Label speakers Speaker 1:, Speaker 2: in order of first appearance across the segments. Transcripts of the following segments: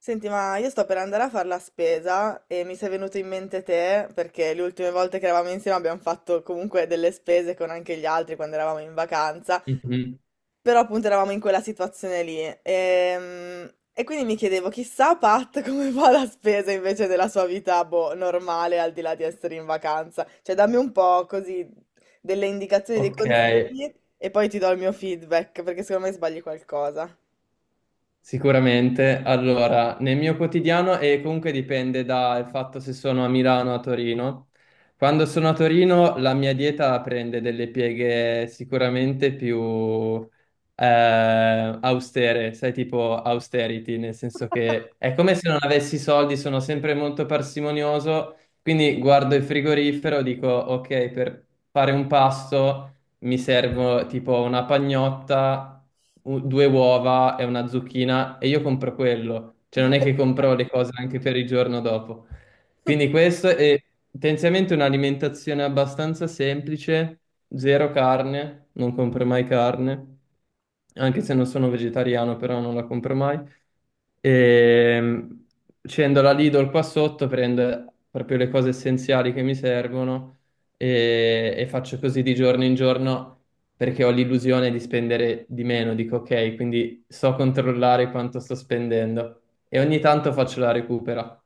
Speaker 1: Senti, ma io sto per andare a fare la spesa e mi sei venuto in mente te, perché le ultime volte che eravamo insieme abbiamo fatto comunque delle spese con anche gli altri quando eravamo in vacanza,
Speaker 2: Mhm.
Speaker 1: però appunto eravamo in quella situazione lì. Ehm, quindi mi chiedevo, chissà Pat come fa la spesa invece della sua vita, boh, normale, al di là di essere in vacanza. Cioè, dammi un po' così delle indicazioni, dei
Speaker 2: Ok,
Speaker 1: consigli e poi ti do il mio feedback, perché secondo me sbagli qualcosa.
Speaker 2: sicuramente. Allora, nel mio quotidiano, e comunque dipende dal fatto se sono a Milano o a Torino, quando sono a Torino la mia dieta prende delle pieghe sicuramente più austere, sai, tipo austerity, nel senso che è come se non avessi soldi, sono sempre molto parsimonioso, quindi guardo il frigorifero, dico, ok, per fare un pasto, mi servo tipo una pagnotta, due uova e una zucchina e io compro quello. Cioè non è che compro le cose anche per il giorno dopo. Quindi questo è tendenzialmente un'alimentazione abbastanza semplice, zero carne, non compro mai carne, anche se non sono vegetariano, però non la compro mai. E scendo la Lidl qua sotto, prendo proprio le cose essenziali che mi servono e faccio così di giorno in giorno perché ho l'illusione di spendere di meno. Dico ok, quindi so controllare quanto sto spendendo e ogni tanto faccio la recupera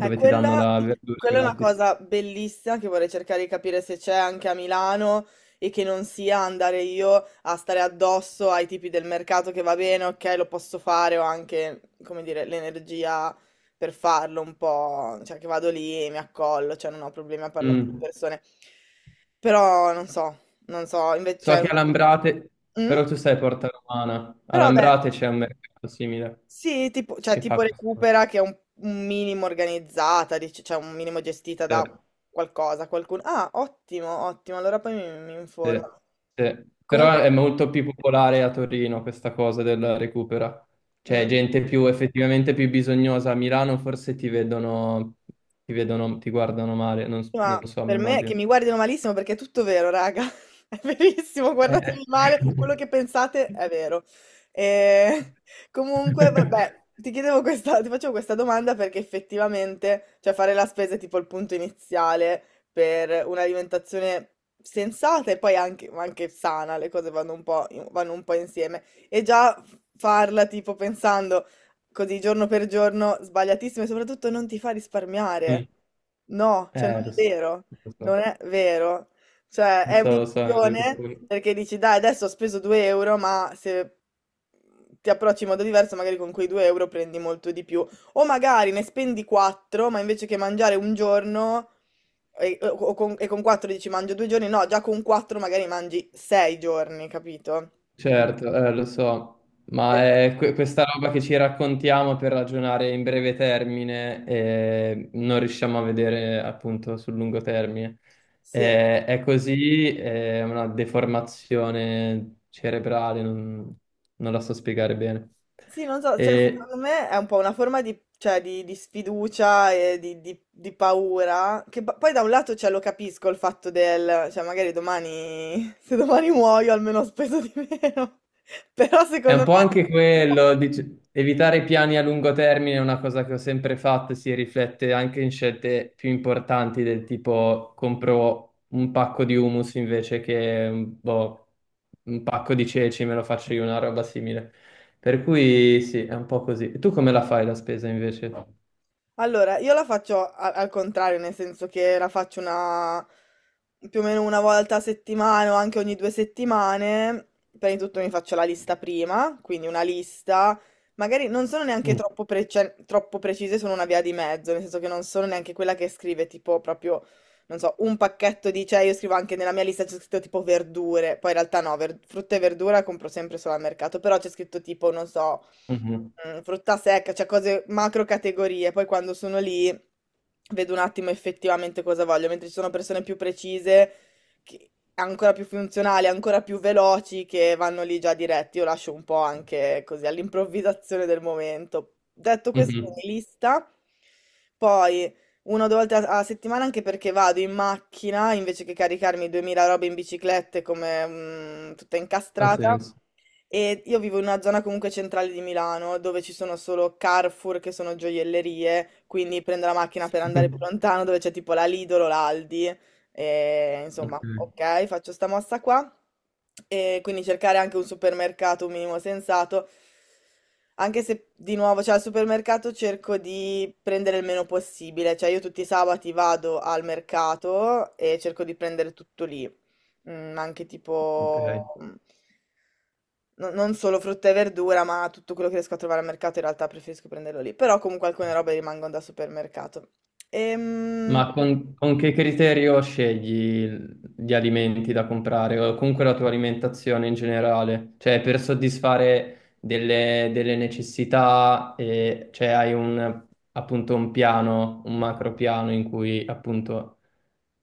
Speaker 1: Eh,
Speaker 2: ti danno
Speaker 1: quella,
Speaker 2: la verdura
Speaker 1: quella è una
Speaker 2: gratis.
Speaker 1: cosa bellissima che vorrei cercare di capire se c'è anche a Milano e che non sia andare io a stare addosso ai tipi del mercato che va bene, ok, lo posso fare, ho anche, come dire, l'energia per farlo un po', cioè che vado lì e mi accollo, cioè non ho problemi a parlare con le
Speaker 2: Mm.
Speaker 1: persone. Però non so, non so, invece...
Speaker 2: So che
Speaker 1: Cioè...
Speaker 2: a Lambrate,
Speaker 1: Mm?
Speaker 2: però tu sei a Porta Romana, a
Speaker 1: Però vabbè,
Speaker 2: Lambrate c'è un mercato simile
Speaker 1: sì, tipo, cioè,
Speaker 2: che fa
Speaker 1: tipo
Speaker 2: questo.
Speaker 1: Recupera che è un minimo organizzata, dice, cioè un minimo gestita da
Speaker 2: Sì.
Speaker 1: qualcosa, qualcuno. Ah, ottimo, ottimo, allora poi mi informo.
Speaker 2: Sì, sì. Però
Speaker 1: Comunque,
Speaker 2: è molto più popolare a Torino questa cosa della recupera. Cioè,
Speaker 1: mm.
Speaker 2: gente più effettivamente più bisognosa. A Milano forse ti vedono, ti guardano male,
Speaker 1: Ma
Speaker 2: non so, mi
Speaker 1: per me che
Speaker 2: immagino.
Speaker 1: mi guardino malissimo perché è tutto vero, raga. È verissimo,
Speaker 2: Eh,
Speaker 1: guardatemi male, quello che pensate
Speaker 2: eh.
Speaker 1: è vero. E comunque, vabbè, ti chiedevo questa, ti facevo questa domanda perché effettivamente, cioè fare la spesa è tipo il punto iniziale per un'alimentazione sensata e poi anche, ma anche sana, le cose vanno un po', vanno un po' insieme. E già farla tipo pensando così giorno per giorno, sbagliatissimo e soprattutto non ti fa
Speaker 2: Mm.
Speaker 1: risparmiare. No, cioè
Speaker 2: Lo so, lo
Speaker 1: non
Speaker 2: so,
Speaker 1: è vero. Cioè
Speaker 2: lo
Speaker 1: è
Speaker 2: so, lo so, è vero.
Speaker 1: un'illusione perché dici dai adesso ho speso 2 euro ma se ti approcci in modo diverso magari con quei 2 euro prendi molto di più o magari ne spendi 4 ma invece che mangiare un giorno e con 4 dici mangio due giorni, no già con 4 magari mangi 6 giorni, capito?
Speaker 2: Certo, lo so, ma è questa roba che ci raccontiamo per ragionare in breve termine e non riusciamo a vedere appunto sul lungo termine.
Speaker 1: Sì.
Speaker 2: È così, è una deformazione cerebrale, non la so spiegare bene.
Speaker 1: Sì, non so, cioè,
Speaker 2: E
Speaker 1: secondo me è un po' una forma di, cioè, di sfiducia e di, di paura, che poi da un lato cioè, lo capisco il fatto del, cioè magari domani, se domani muoio almeno ho speso di meno, però
Speaker 2: È
Speaker 1: secondo
Speaker 2: un po'
Speaker 1: me.
Speaker 2: anche quello, evitare piani a lungo termine è una cosa che ho sempre fatto e si riflette anche in scelte più importanti del tipo compro un pacco di hummus invece che boh, un pacco di ceci, me lo faccio io, una roba simile. Per cui sì, è un po' così. E tu come la fai la spesa invece?
Speaker 1: Allora, io la faccio al contrario, nel senso che la faccio una più o meno una volta a settimana o anche ogni due settimane. Prima di tutto mi faccio la lista prima, quindi una lista. Magari non sono neanche
Speaker 2: Mm.
Speaker 1: troppo, troppo precise, sono una via di mezzo, nel senso che non sono neanche quella che scrive tipo proprio, non so, un pacchetto di, cioè io scrivo anche nella mia lista c'è scritto tipo verdure, poi in realtà no, frutta e verdura compro sempre solo al mercato, però c'è scritto tipo, non so.
Speaker 2: Mhm.
Speaker 1: Mm, frutta secca, cioè cose macro categorie. Poi quando sono lì vedo un attimo effettivamente cosa voglio, mentre ci sono persone più precise, ancora più funzionali, ancora più veloci, che vanno lì già diretti. Io lascio un po' anche così all'improvvisazione del momento. Detto questo,
Speaker 2: Mhm.
Speaker 1: mi lista. Poi una o due volte a settimana anche perché vado in macchina invece che caricarmi 2000 robe in biciclette come mm, tutta
Speaker 2: Ha
Speaker 1: incastrata.
Speaker 2: senso.
Speaker 1: E io vivo in una zona comunque centrale di Milano, dove ci sono solo Carrefour, che sono gioiellerie, quindi prendo la macchina per andare più lontano, dove c'è tipo la Lidl o l'Aldi. E, insomma,
Speaker 2: Ok.
Speaker 1: ok, faccio sta mossa qua. E quindi cercare anche un supermercato un minimo sensato. Anche se di nuovo, cioè al supermercato cerco di prendere il meno possibile, cioè io tutti i sabati vado al mercato e cerco di prendere tutto lì mm, anche tipo,
Speaker 2: Ok.
Speaker 1: mm, non solo frutta e verdura, ma tutto quello che riesco a trovare al mercato in realtà preferisco prenderlo lì, però comunque alcune robe rimangono da supermercato. Ehm,
Speaker 2: Ma con che criterio scegli gli alimenti da comprare o comunque la tua alimentazione in generale? Cioè, per soddisfare delle necessità, e, cioè hai appunto un piano, un macro piano in cui appunto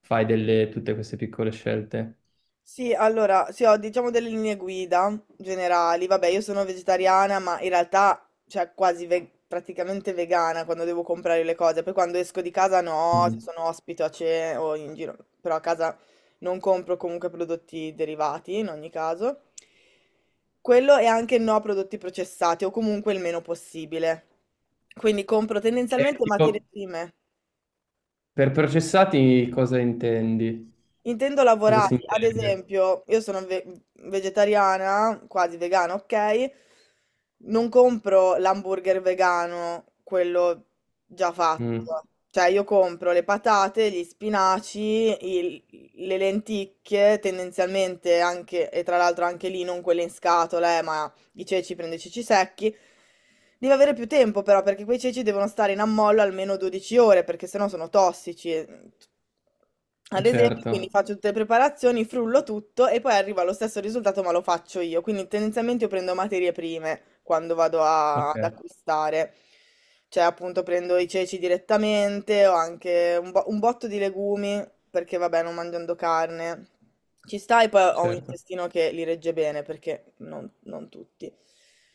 Speaker 2: fai tutte queste piccole scelte.
Speaker 1: Sì, allora, sì, ho diciamo delle linee guida generali. Vabbè, io sono vegetariana, ma in realtà, cioè, praticamente vegana quando devo comprare le cose. Poi quando esco di casa no, se
Speaker 2: Mm.
Speaker 1: sono ospite a cena o in giro, però a casa non compro comunque prodotti derivati in ogni caso. Quello e anche no a prodotti processati o comunque il meno possibile. Quindi compro
Speaker 2: E
Speaker 1: tendenzialmente
Speaker 2: tipo,
Speaker 1: materie prime.
Speaker 2: per processati cosa intendi?
Speaker 1: Intendo
Speaker 2: Cosa si
Speaker 1: lavorati, ad
Speaker 2: intende?
Speaker 1: esempio, vegetariana, quasi vegana, ok? Non compro l'hamburger vegano, quello già
Speaker 2: Mm,
Speaker 1: fatto. Cioè, io compro le patate, gli spinaci, il- le lenticchie, tendenzialmente anche, e tra l'altro anche lì non quelle in scatola, ma i ceci, prende i ceci secchi. Devi avere più tempo però, perché quei ceci devono stare in ammollo almeno 12 ore, perché sennò sono tossici. Ad esempio, quindi
Speaker 2: certo,
Speaker 1: faccio tutte le preparazioni, frullo tutto e poi arrivo allo stesso risultato, ma lo faccio io. Quindi tendenzialmente io prendo materie prime quando vado
Speaker 2: ok,
Speaker 1: ad acquistare. Cioè, appunto, prendo i ceci direttamente o anche un botto di legumi, perché vabbè, non mangiando carne. Ci sta e poi ho un
Speaker 2: certo.
Speaker 1: intestino che li regge bene perché non tutti.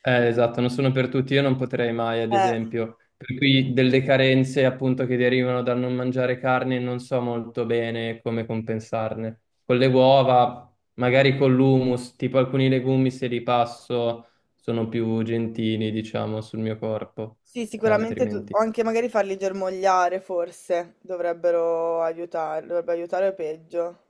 Speaker 2: Esatto, non sono per tutti, io non potrei mai, ad
Speaker 1: Eh,
Speaker 2: esempio, per cui delle carenze appunto che derivano dal non mangiare carne non so molto bene come compensarne. Con le uova, magari con l'humus, tipo alcuni legumi se li passo sono più gentili, diciamo, sul mio corpo,
Speaker 1: sì,
Speaker 2: altrimenti.
Speaker 1: o anche magari farli germogliare forse dovrebbero aiutare, dovrebbe aiutare o peggio.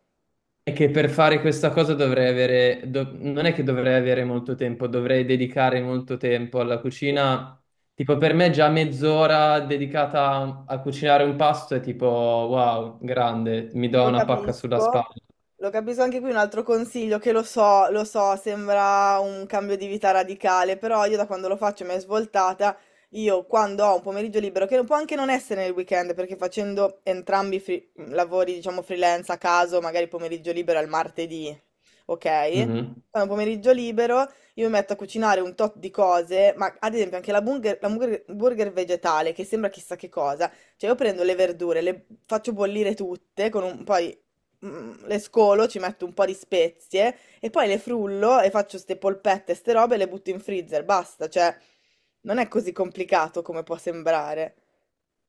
Speaker 2: È che per fare questa cosa dovrei avere, non è che dovrei avere molto tempo, dovrei dedicare molto tempo alla
Speaker 1: Sì.
Speaker 2: cucina. Tipo, per me già mezz'ora dedicata a cucinare un pasto è tipo, wow, grande, mi do
Speaker 1: Lo
Speaker 2: una pacca sulla
Speaker 1: capisco,
Speaker 2: spalla.
Speaker 1: lo capisco anche qui un altro consiglio che lo so, sembra un cambio di vita radicale, però io da quando lo faccio mi è svoltata, io quando ho un pomeriggio libero, che può anche non essere nel weekend, perché facendo entrambi i lavori, diciamo freelance a caso, magari il pomeriggio libero è il martedì, ok?
Speaker 2: Mhm.
Speaker 1: Quando ho un pomeriggio libero io mi metto a cucinare un tot di cose, ma ad esempio anche la burger, la burger vegetale, che sembra chissà che cosa. Cioè, io prendo le verdure, le faccio bollire tutte, con un, poi mm, le scolo, ci metto un po' di spezie e poi le frullo e faccio ste polpette, ste robe e le butto in freezer. Basta, cioè, non è così complicato come può sembrare.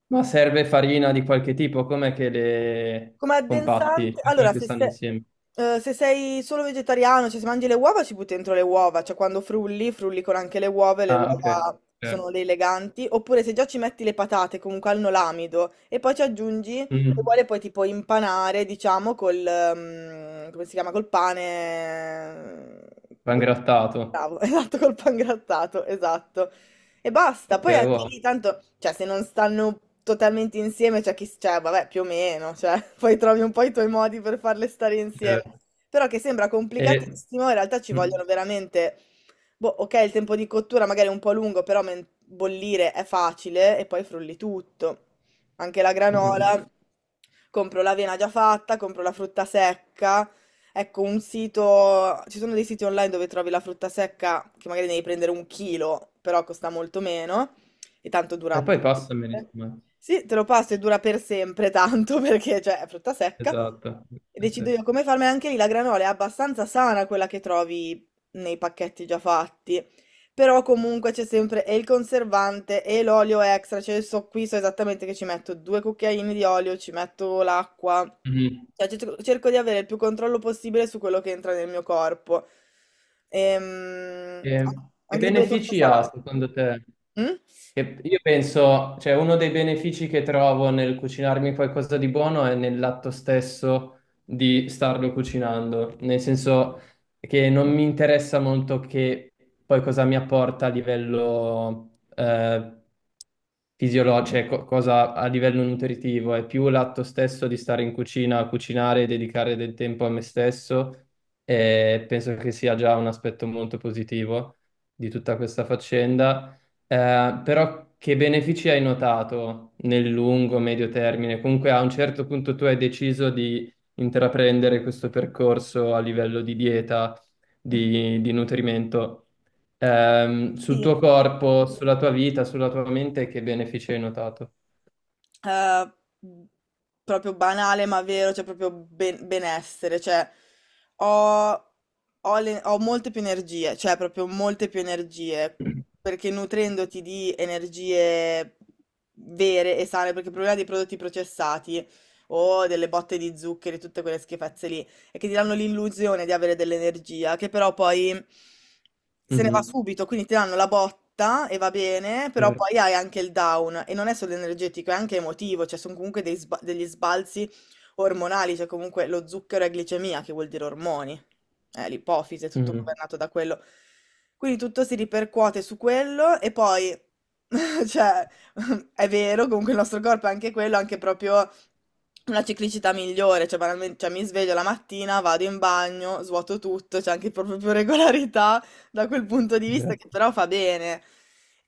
Speaker 2: Ma serve farina di qualche tipo, com'è che le
Speaker 1: Come
Speaker 2: compatti?
Speaker 1: addensante,
Speaker 2: Cioè, come
Speaker 1: allora
Speaker 2: che stanno insieme?
Speaker 1: se sei solo vegetariano, cioè se mangi le uova ci butti dentro le uova, cioè quando frulli, frulli con anche le uova e le
Speaker 2: Ah, ok,
Speaker 1: uova
Speaker 2: certo.
Speaker 1: sono le eleganti, oppure se già ci metti le patate comunque al nolamido e poi ci aggiungi, se
Speaker 2: Mm.
Speaker 1: vuole poi tipo impanare, diciamo, col, come si chiama, col pane,
Speaker 2: Va ingrattato.
Speaker 1: esatto, col pangrattato, esatto. E basta.
Speaker 2: Ok,
Speaker 1: Poi anche
Speaker 2: wow,
Speaker 1: lì tanto, cioè se non stanno totalmente insieme, c'è chi, cioè vabbè, più o meno, cioè poi trovi un po' i tuoi modi per farle stare insieme.
Speaker 2: certo.
Speaker 1: Però che sembra
Speaker 2: E,
Speaker 1: complicatissimo, in realtà ci
Speaker 2: mm, mm,
Speaker 1: vogliono veramente, boh, ok, il tempo di cottura magari è un po' lungo, però bollire è facile e poi frulli tutto. Anche la
Speaker 2: mm. Mm.
Speaker 1: granola, compro l'avena già fatta, compro la frutta secca. Ecco, un sito, ci sono dei siti online dove trovi la frutta secca che magari devi prendere un chilo, però costa molto meno e tanto
Speaker 2: E
Speaker 1: dura.
Speaker 2: poi passameli, insomma.
Speaker 1: Sì, te lo passo e dura per sempre tanto perché cioè, è frutta secca.
Speaker 2: Esatto.
Speaker 1: E decido
Speaker 2: Eh
Speaker 1: io come farmi anche lì la granola, è abbastanza sana quella che trovi nei pacchetti già fatti. Però comunque c'è sempre e il conservante e l'olio extra, cioè io so, qui so esattamente che ci metto due cucchiaini di olio, ci metto l'acqua,
Speaker 2: sì. Mhm.
Speaker 1: cioè, cerco di avere il più controllo possibile su quello che entra nel mio corpo. Ehm,
Speaker 2: E, che
Speaker 1: anche tipo le torte
Speaker 2: benefici ha
Speaker 1: salate.
Speaker 2: secondo te?
Speaker 1: Mm?
Speaker 2: Che io penso, cioè uno dei benefici che trovo nel cucinarmi qualcosa di buono è nell'atto stesso di starlo cucinando, nel senso che non mi interessa molto che poi cosa mi apporta a livello fisiologica, cioè cosa a livello nutritivo, è più l'atto stesso di stare in cucina a cucinare e dedicare del tempo a me stesso. E penso che sia già un aspetto molto positivo di tutta questa faccenda. Però che benefici hai notato nel lungo, medio termine? Comunque a un certo punto tu hai deciso di intraprendere questo percorso a livello di dieta, di nutrimento. Sul
Speaker 1: Sì,
Speaker 2: tuo corpo, sulla tua vita, sulla tua mente, che benefici hai notato?
Speaker 1: eh, proprio banale ma vero, cioè benessere, cioè ho, ho molte più energie, cioè proprio molte più energie, perché nutrendoti di energie vere e sane, perché il problema dei prodotti processati o delle botte di zuccheri, tutte quelle schifezze lì, e che ti danno l'illusione di avere dell'energia, che però poi se ne va
Speaker 2: Mhm.
Speaker 1: subito, quindi ti danno la botta e va bene, però poi
Speaker 2: Certo.
Speaker 1: hai anche il down e non è solo energetico, è anche emotivo, cioè sono comunque degli sbalzi ormonali, cioè comunque lo zucchero è glicemia, che vuol dire ormoni, l'ipofisi, è tutto
Speaker 2: Mhm.
Speaker 1: governato da quello. Quindi tutto si ripercuote su quello e poi, cioè, è vero, comunque il nostro corpo è anche quello, anche proprio una ciclicità migliore, cioè banalmente, cioè, mi sveglio la mattina, vado in bagno, svuoto tutto, c'è anche proprio più regolarità da quel punto di vista che
Speaker 2: Certo.
Speaker 1: però fa bene.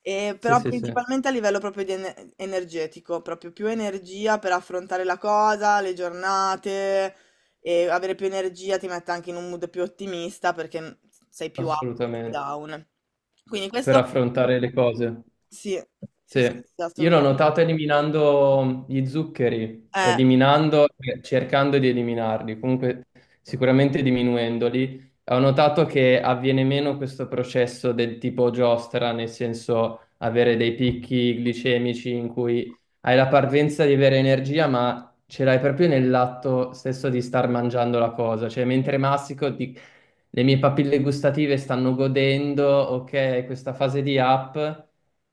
Speaker 1: E
Speaker 2: Sì,
Speaker 1: però
Speaker 2: sì, sì,
Speaker 1: principalmente a livello proprio di energetico, proprio più energia per affrontare la cosa, le giornate e avere più energia ti mette anche in un mood più ottimista perché sei più up che
Speaker 2: assolutamente.
Speaker 1: down. Quindi
Speaker 2: Per
Speaker 1: questo
Speaker 2: affrontare le cose.
Speaker 1: sì, sì,
Speaker 2: Sì,
Speaker 1: sì, sì,
Speaker 2: io l'ho
Speaker 1: assolutamente.
Speaker 2: notato eliminando gli zuccheri,
Speaker 1: Eh,
Speaker 2: eliminando, cercando di eliminarli, comunque sicuramente diminuendoli. Ho notato che avviene meno questo processo del tipo giostra, nel senso avere dei picchi glicemici in cui hai la parvenza di avere energia, ma ce l'hai proprio nell'atto stesso di star mangiando la cosa. Cioè, mentre mastico, le mie papille gustative stanno godendo, ok, questa fase di app.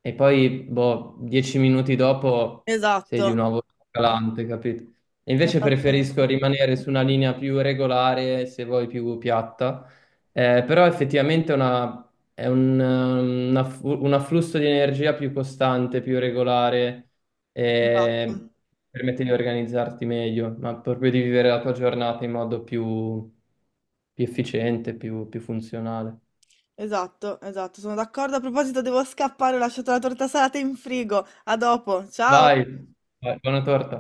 Speaker 2: E poi, boh, 10 minuti dopo sei di
Speaker 1: esatto,
Speaker 2: nuovo calante, capito? E invece preferisco
Speaker 1: esattamente.
Speaker 2: rimanere su una linea più regolare, se vuoi più piatta. Però effettivamente è un afflusso di energia più costante, più regolare,
Speaker 1: Esatto,
Speaker 2: e permette di organizzarti meglio, ma proprio di vivere la tua giornata in modo più, più, efficiente, più funzionale.
Speaker 1: esatto, sono d'accordo. A proposito, devo scappare, ho lasciato la torta salata in frigo. A dopo, ciao!
Speaker 2: Vai, vai, buona torta.